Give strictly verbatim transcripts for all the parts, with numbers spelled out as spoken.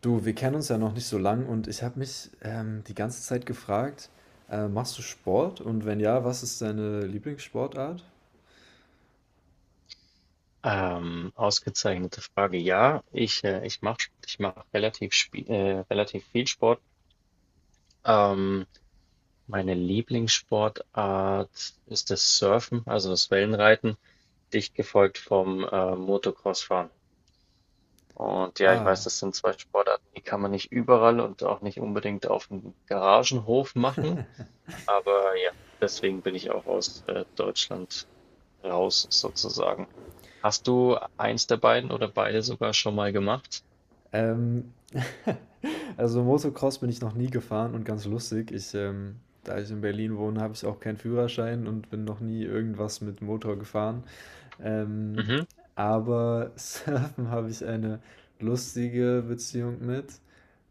Du, wir kennen uns ja noch nicht so lang und ich habe mich ähm, die ganze Zeit gefragt, äh, machst du Sport? Und wenn ja, was ist deine Lieblingssportart? Ähm, ausgezeichnete Frage. Ja, ich, äh, ich mache ich mach relativ, spie- äh, relativ viel Sport. Ähm, Meine Lieblingssportart ist das Surfen, also das Wellenreiten, dicht gefolgt vom äh, Motocrossfahren. Und ja, ich weiß, Ah, das sind zwei Sportarten, die kann man nicht überall und auch nicht unbedingt auf dem Garagenhof machen. Aber ja, deswegen bin ich auch aus äh, Deutschland raus sozusagen. Hast du eins der beiden oder beide sogar schon mal gemacht? ähm, also Motocross bin ich noch nie gefahren und ganz lustig, ich, ähm, da ich in Berlin wohne, habe ich auch keinen Führerschein und bin noch nie irgendwas mit Motor gefahren. Ähm, Mhm, aber Surfen habe ich eine lustige Beziehung mit,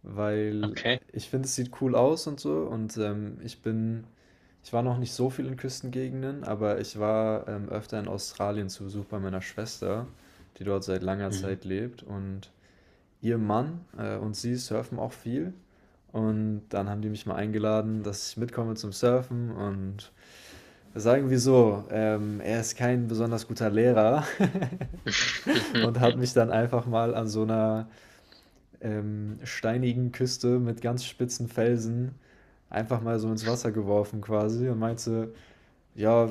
weil okay. ich finde, es sieht cool aus und so und ähm, ich bin ich war noch nicht so viel in Küstengegenden, aber ich war, ähm, öfter in Australien zu Besuch bei meiner Schwester, die dort seit langer Mhm. Zeit lebt. Und ihr Mann, äh, und sie surfen auch viel. Und dann haben die mich mal eingeladen, dass ich mitkomme zum Surfen. Und sagen wir so, ähm, er ist kein besonders guter Lehrer und hat mich dann einfach mal an so einer ähm, steinigen Küste mit ganz spitzen Felsen einfach mal so ins Wasser geworfen quasi und meinte: ja, äh,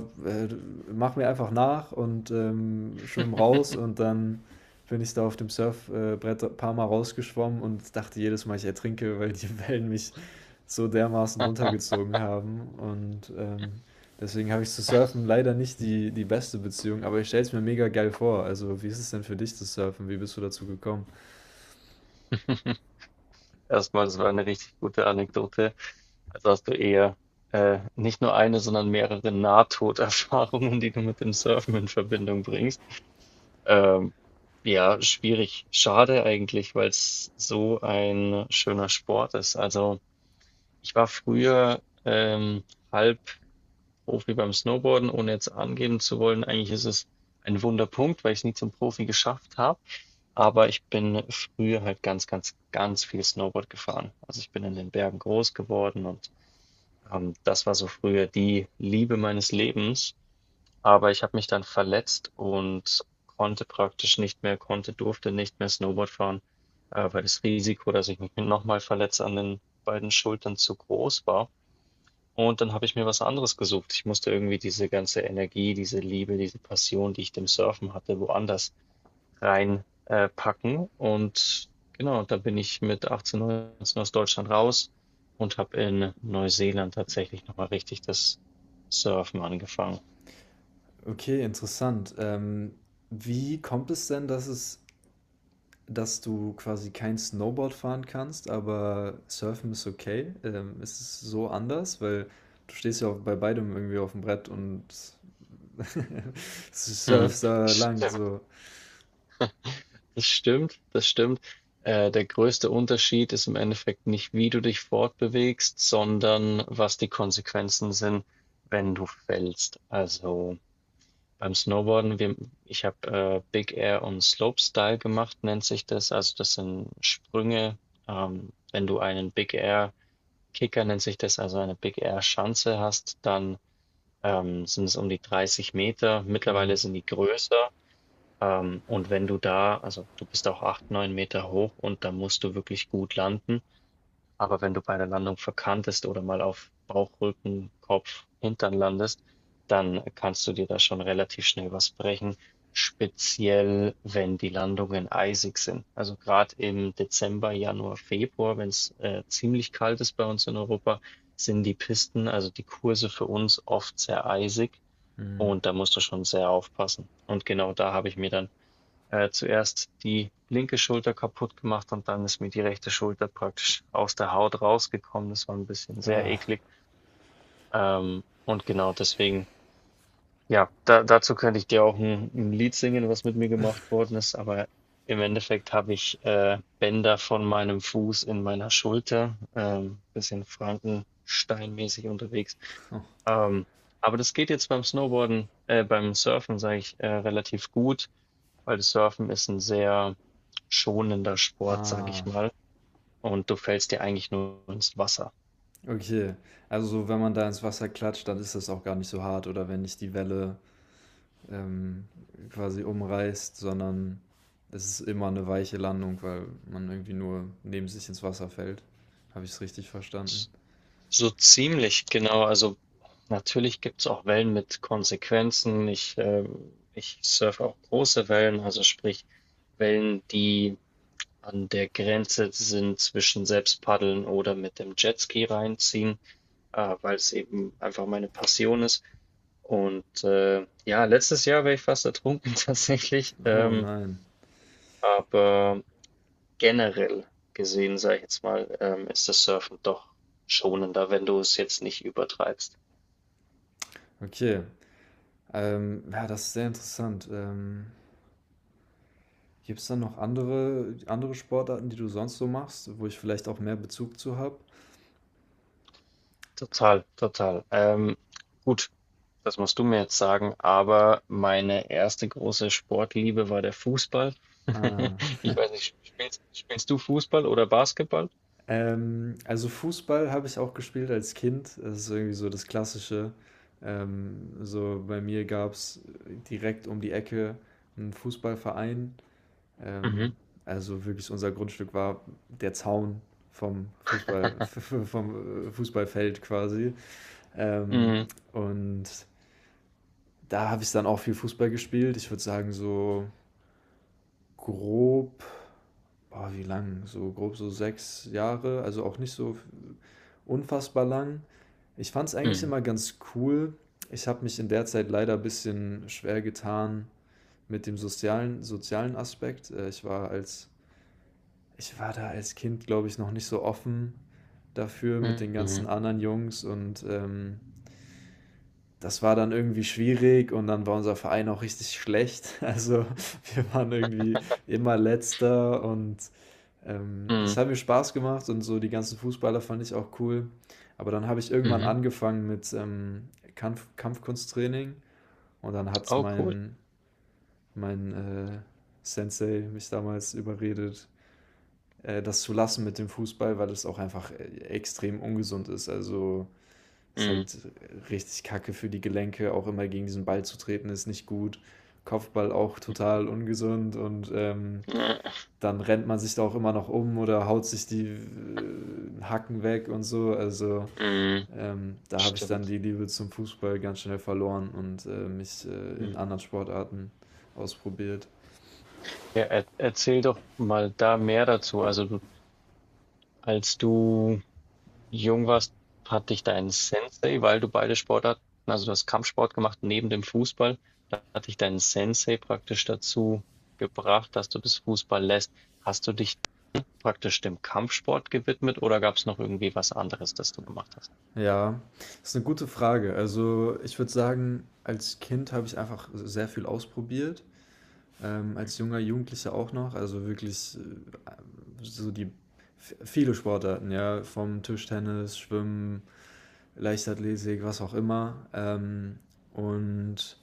mach mir einfach nach und ähm, schwimm raus und dann bin ich da auf dem Surfbrett ein paar Mal rausgeschwommen und dachte jedes Mal, ich ertrinke, weil die Wellen mich so dermaßen runtergezogen haben. Und ähm, deswegen habe ich zu Surfen leider nicht die, die beste Beziehung, aber ich stelle es mir mega geil vor. Also, wie ist es denn für dich zu surfen? Wie bist du dazu gekommen? Erstmal, das war eine richtig gute Anekdote. Also hast du eher äh, nicht nur eine, sondern mehrere Nahtoderfahrungen, die du mit dem Surfen in Verbindung bringst. Ähm, ja, schwierig. Schade eigentlich, weil es so ein schöner Sport ist. Also ich war früher ähm, halb Profi beim Snowboarden, ohne jetzt angeben zu wollen. Eigentlich ist es ein Wunderpunkt, weil ich es nie zum Profi geschafft habe. Aber ich bin früher halt ganz, ganz, ganz viel Snowboard gefahren. Also ich bin in den Bergen groß geworden und ähm, das war so früher die Liebe meines Lebens. Aber ich habe mich dann verletzt und konnte praktisch nicht mehr, konnte, durfte nicht mehr Snowboard fahren, äh, weil das Risiko, dass ich mich nochmal verletze an den beiden Schultern zu groß war. Und dann habe ich mir was anderes gesucht. Ich musste irgendwie diese ganze Energie, diese Liebe, diese Passion, die ich dem Surfen hatte, woanders reinpacken. Äh, packen. Und genau, dann bin ich mit achtzehn, neunzehn aus Deutschland raus und habe in Neuseeland tatsächlich nochmal richtig das Surfen angefangen. Okay, interessant. Ähm, wie kommt es denn, dass es dass du quasi kein Snowboard fahren kannst, aber Surfen ist okay. Ähm, es ist so anders, weil du stehst ja auf, bei beidem irgendwie auf dem Brett und Mhm. surfst da lang. Stimmt. So. Das stimmt, das stimmt. Äh, der größte Unterschied ist im Endeffekt nicht, wie du dich fortbewegst, sondern was die Konsequenzen sind, wenn du fällst. Also beim Snowboarden, wir, ich habe äh, Big Air und Slopestyle gemacht, nennt sich das. Also das sind Sprünge. Ähm, wenn du einen Big Air Kicker, nennt sich das, also eine Big Air Schanze hast, dann ähm, sind es um die dreißig Meter. Hm, Mittlerweile sind die größer. Ähm, und wenn du da, also du bist auch acht, neun Meter hoch und da musst du wirklich gut landen. Aber wenn du bei der Landung verkantest oder mal auf Bauch, Rücken, Kopf, Hintern landest, dann kannst du dir da schon relativ schnell was brechen. Speziell, wenn die Landungen eisig sind. Also gerade im Dezember, Januar, Februar, wenn es äh, ziemlich kalt ist bei uns in Europa, sind die Pisten, also die Kurse für uns oft sehr eisig hm. und da musst du schon sehr aufpassen. Und genau da habe ich mir dann äh, zuerst die linke Schulter kaputt gemacht und dann ist mir die rechte Schulter praktisch aus der Haut rausgekommen. Das war ein bisschen sehr Ah, eklig. Ähm, und genau deswegen, ja, da, dazu könnte ich dir auch ein, ein Lied singen, was mit mir gemacht worden ist, aber im Endeffekt habe ich äh, Bänder von meinem Fuß in meiner Schulter, ähm, bisschen Frankensteinmäßig unterwegs. Ähm, aber das geht jetzt beim Snowboarden, äh, beim Surfen, sage ich, äh, relativ gut, weil das Surfen ist ein sehr schonender Sport, sage ah, ich mal, und du fällst dir eigentlich nur ins Wasser. okay. Also so, wenn man da ins Wasser klatscht, dann ist das auch gar nicht so hart oder wenn nicht die Welle ähm, quasi umreißt, sondern es ist immer eine weiche Landung, weil man irgendwie nur neben sich ins Wasser fällt. Habe ich es richtig verstanden? So ziemlich genau. Also natürlich gibt es auch Wellen mit Konsequenzen. Ich, ähm, ich surfe auch große Wellen, also sprich Wellen, die an der Grenze sind zwischen selbst paddeln oder mit dem Jetski reinziehen, äh, weil es eben einfach meine Passion ist. Und äh, ja, letztes Jahr wäre ich fast ertrunken tatsächlich. Oh Ähm, nein. Aber generell gesehen, sage ich jetzt mal, ähm, ist das Surfen doch schonender, wenn du es jetzt nicht übertreibst. Okay. Ähm, ja, das ist sehr interessant. Ähm, gibt es dann noch andere, andere Sportarten, die du sonst so machst, wo ich vielleicht auch mehr Bezug zu habe? Total, total. Ähm, gut, das musst du mir jetzt sagen, aber meine erste große Sportliebe war der Fußball. Ah. Ich weiß nicht, spielst, spielst du Fußball oder Basketball? Ähm, also Fußball habe ich auch gespielt als Kind. Das ist irgendwie so das Klassische. Ähm, so bei mir gab es direkt um die Ecke einen Fußballverein. Mhm. Ähm, also wirklich unser Grundstück war der Zaun vom Fußball, vom äh, Fußballfeld quasi. Ähm, Mhm. und da habe ich dann auch viel Fußball gespielt. Ich würde sagen, so grob, boah, wie lang? So grob so sechs Jahre, also auch nicht so unfassbar lang. Ich fand es eigentlich Mhm. immer ganz cool. Ich habe mich in der Zeit leider ein bisschen schwer getan mit dem sozialen, sozialen Aspekt. Äh, Ich war als, ich war da als Kind, glaube ich, noch nicht so offen dafür mit den ganzen Mhm. anderen Jungs und ähm, das war dann irgendwie schwierig und dann war unser Verein auch richtig schlecht. Also wir waren irgendwie immer Letzter und ähm, das Mhm. hat mir Spaß gemacht und so die ganzen Fußballer fand ich auch cool. Aber dann habe ich irgendwann Mhm. angefangen mit ähm, Kampf Kampfkunsttraining und dann hat Oh, cool. mein, mein äh, Sensei mich damals überredet, äh, das zu lassen mit dem Fußball, weil es auch einfach äh, extrem ungesund ist. Also ist Mhm. halt richtig kacke für die Gelenke, auch immer gegen diesen Ball zu treten, ist nicht gut. Kopfball auch total ungesund und ähm, dann rennt man sich da auch immer noch um oder haut sich die äh, Hacken weg und so. Also Mhm. ähm, da habe ich dann Stimmt. die Liebe zum Fußball ganz schnell verloren und äh, mich äh, in Mhm. anderen Sportarten ausprobiert. Ja, er, erzähl doch mal da mehr dazu. Also du Als du jung warst, hat dich dein Sensei, weil du beide Sportarten, also du hast Kampfsport gemacht neben dem Fußball, da hat dich dein Sensei praktisch dazu gebracht, dass du das Fußball lässt. Hast du dich praktisch dem Kampfsport gewidmet oder gab es noch irgendwie was anderes, das du gemacht hast? Ja, das ist eine gute Frage. Also ich würde sagen, als Kind habe ich einfach sehr viel ausprobiert. Ähm, als Mhm. junger Jugendlicher auch noch, also wirklich äh, so die f- viele Sportarten, ja, vom Tischtennis, Schwimmen, Leichtathletik, was auch immer. Ähm, und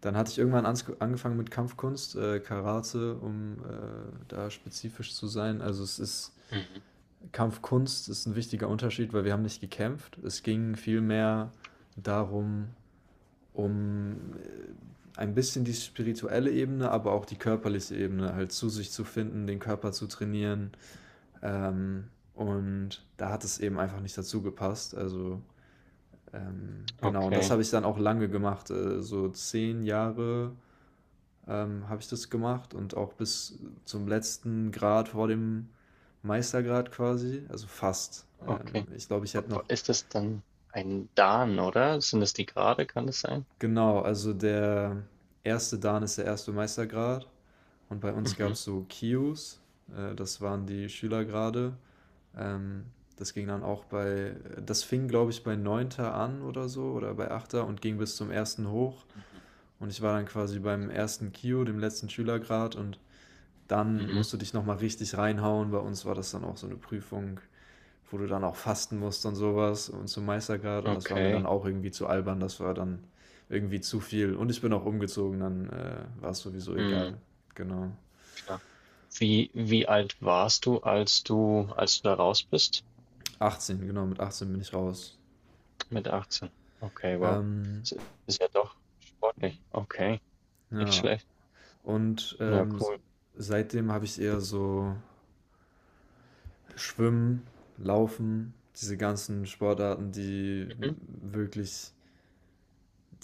dann hatte ich irgendwann ans angefangen mit Kampfkunst, äh, Karate, um äh, da spezifisch zu sein. Also es ist Mhm. Kampfkunst ist ein wichtiger Unterschied, weil wir haben nicht gekämpft. Es ging vielmehr darum, um äh, ein bisschen die spirituelle Ebene, aber auch die körperliche Ebene halt zu sich zu finden, den Körper zu trainieren. Ähm, und da hat es eben einfach nicht dazu gepasst. Also ähm, genau, und das Okay, habe ich dann auch lange gemacht. Äh, so zehn Jahre ähm, habe ich das gemacht und auch bis zum letzten Grad vor dem Meistergrad quasi. Also fast. Ähm, okay. Ich glaube, ich hätte Wa- noch. Ist das dann ein Dan, oder? Sind das die Grade? Kann das sein? Genau, also der erste Dan ist der erste Meistergrad und bei uns gab Mhm. es so Kius, äh, das waren die Schülergrade. Ähm, das ging dann auch bei, das fing glaube ich bei Neunter an oder so oder bei Achter und ging bis zum ersten hoch Mhm. und ich war dann quasi beim ersten Kio, dem letzten Schülergrad und dann Mhm. musst du dich nochmal richtig reinhauen. Bei uns war das dann auch so eine Prüfung, wo du dann auch fasten musst und sowas und zum Meistergrad. Und das war mir dann Okay. auch irgendwie zu albern. Das war dann irgendwie zu viel. Und ich bin auch umgezogen, dann äh, war es sowieso Mhm. egal. Genau. Ja. Wie wie alt warst du, als du als du da raus bist? achtzehn, genau, mit achtzehn bin ich raus. Mit achtzehn. Okay, wow. Ähm, Ist ist ja doch sportlich. Okay, nicht ja. schlecht. Und Ja, ähm, cool. seitdem habe ich eher so Schwimmen, Laufen, diese ganzen Sportarten, die wirklich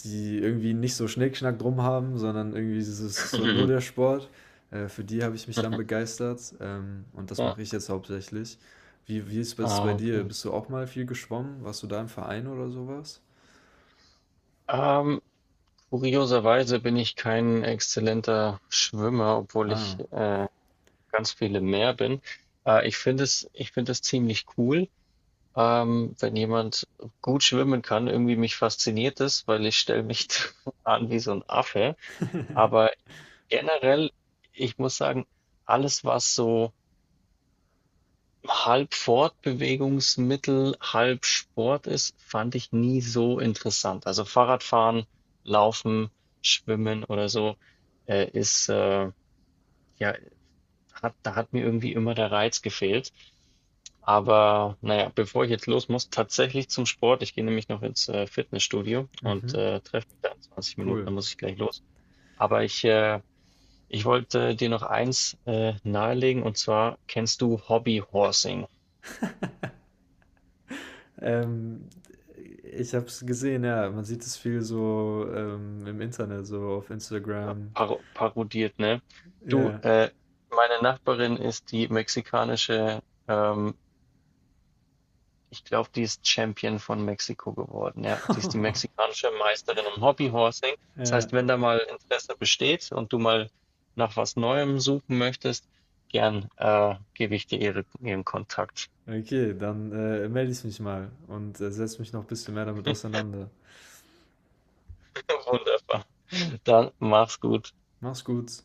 die irgendwie nicht so Schnickschnack drum haben, sondern irgendwie ist es so nur Mhm. der Sport. Äh, für die habe ich mich dann begeistert ähm, und das Ja, mache ich jetzt hauptsächlich. Wie, wie ist es ah, bei dir? okay. Bist du auch mal viel geschwommen? Warst du da im Verein oder sowas? Ähm, Kurioserweise bin ich kein exzellenter Schwimmer, obwohl Ah, ich äh, ganz viele mehr bin. Äh, ich finde es, ich finde es ziemlich cool, ähm, wenn jemand gut schwimmen kann. Irgendwie mich fasziniert es, weil ich stelle mich an wie so ein Affe. Aber generell, ich muss sagen, alles, was so halb Fortbewegungsmittel, halb Sport ist, fand ich nie so interessant. Also Fahrradfahren, Laufen, Schwimmen oder so, äh, ist, äh, ja, hat, da hat mir irgendwie immer der Reiz gefehlt. Aber naja, bevor ich jetzt los muss, tatsächlich zum Sport. Ich gehe nämlich noch ins äh, Fitnessstudio und mhm, äh, treffe mich da in zwanzig Minuten, cool. dann muss ich gleich los. Aber ich äh, Ich wollte dir noch eins äh, nahelegen und zwar kennst du Hobbyhorsing, Ähm, Ich habe es gesehen, ja. Man sieht es viel so ähm, im Internet, so auf Instagram. paro parodiert, ne? Du, Ja. äh, meine Nachbarin ist die mexikanische, ähm, ich glaube, die ist Champion von Mexiko geworden, ja. Die ist die mexikanische Meisterin im Hobbyhorsing. Das Ja. heißt, wenn da mal Interesse besteht und du mal nach was Neuem suchen möchtest, gern äh, gebe ich dir ihre, ihren Kontakt. Okay, dann äh, melde ich mich mal und äh, setze mich noch ein bisschen mehr damit auseinander. Wunderbar. Dann mach's gut. Mach's gut.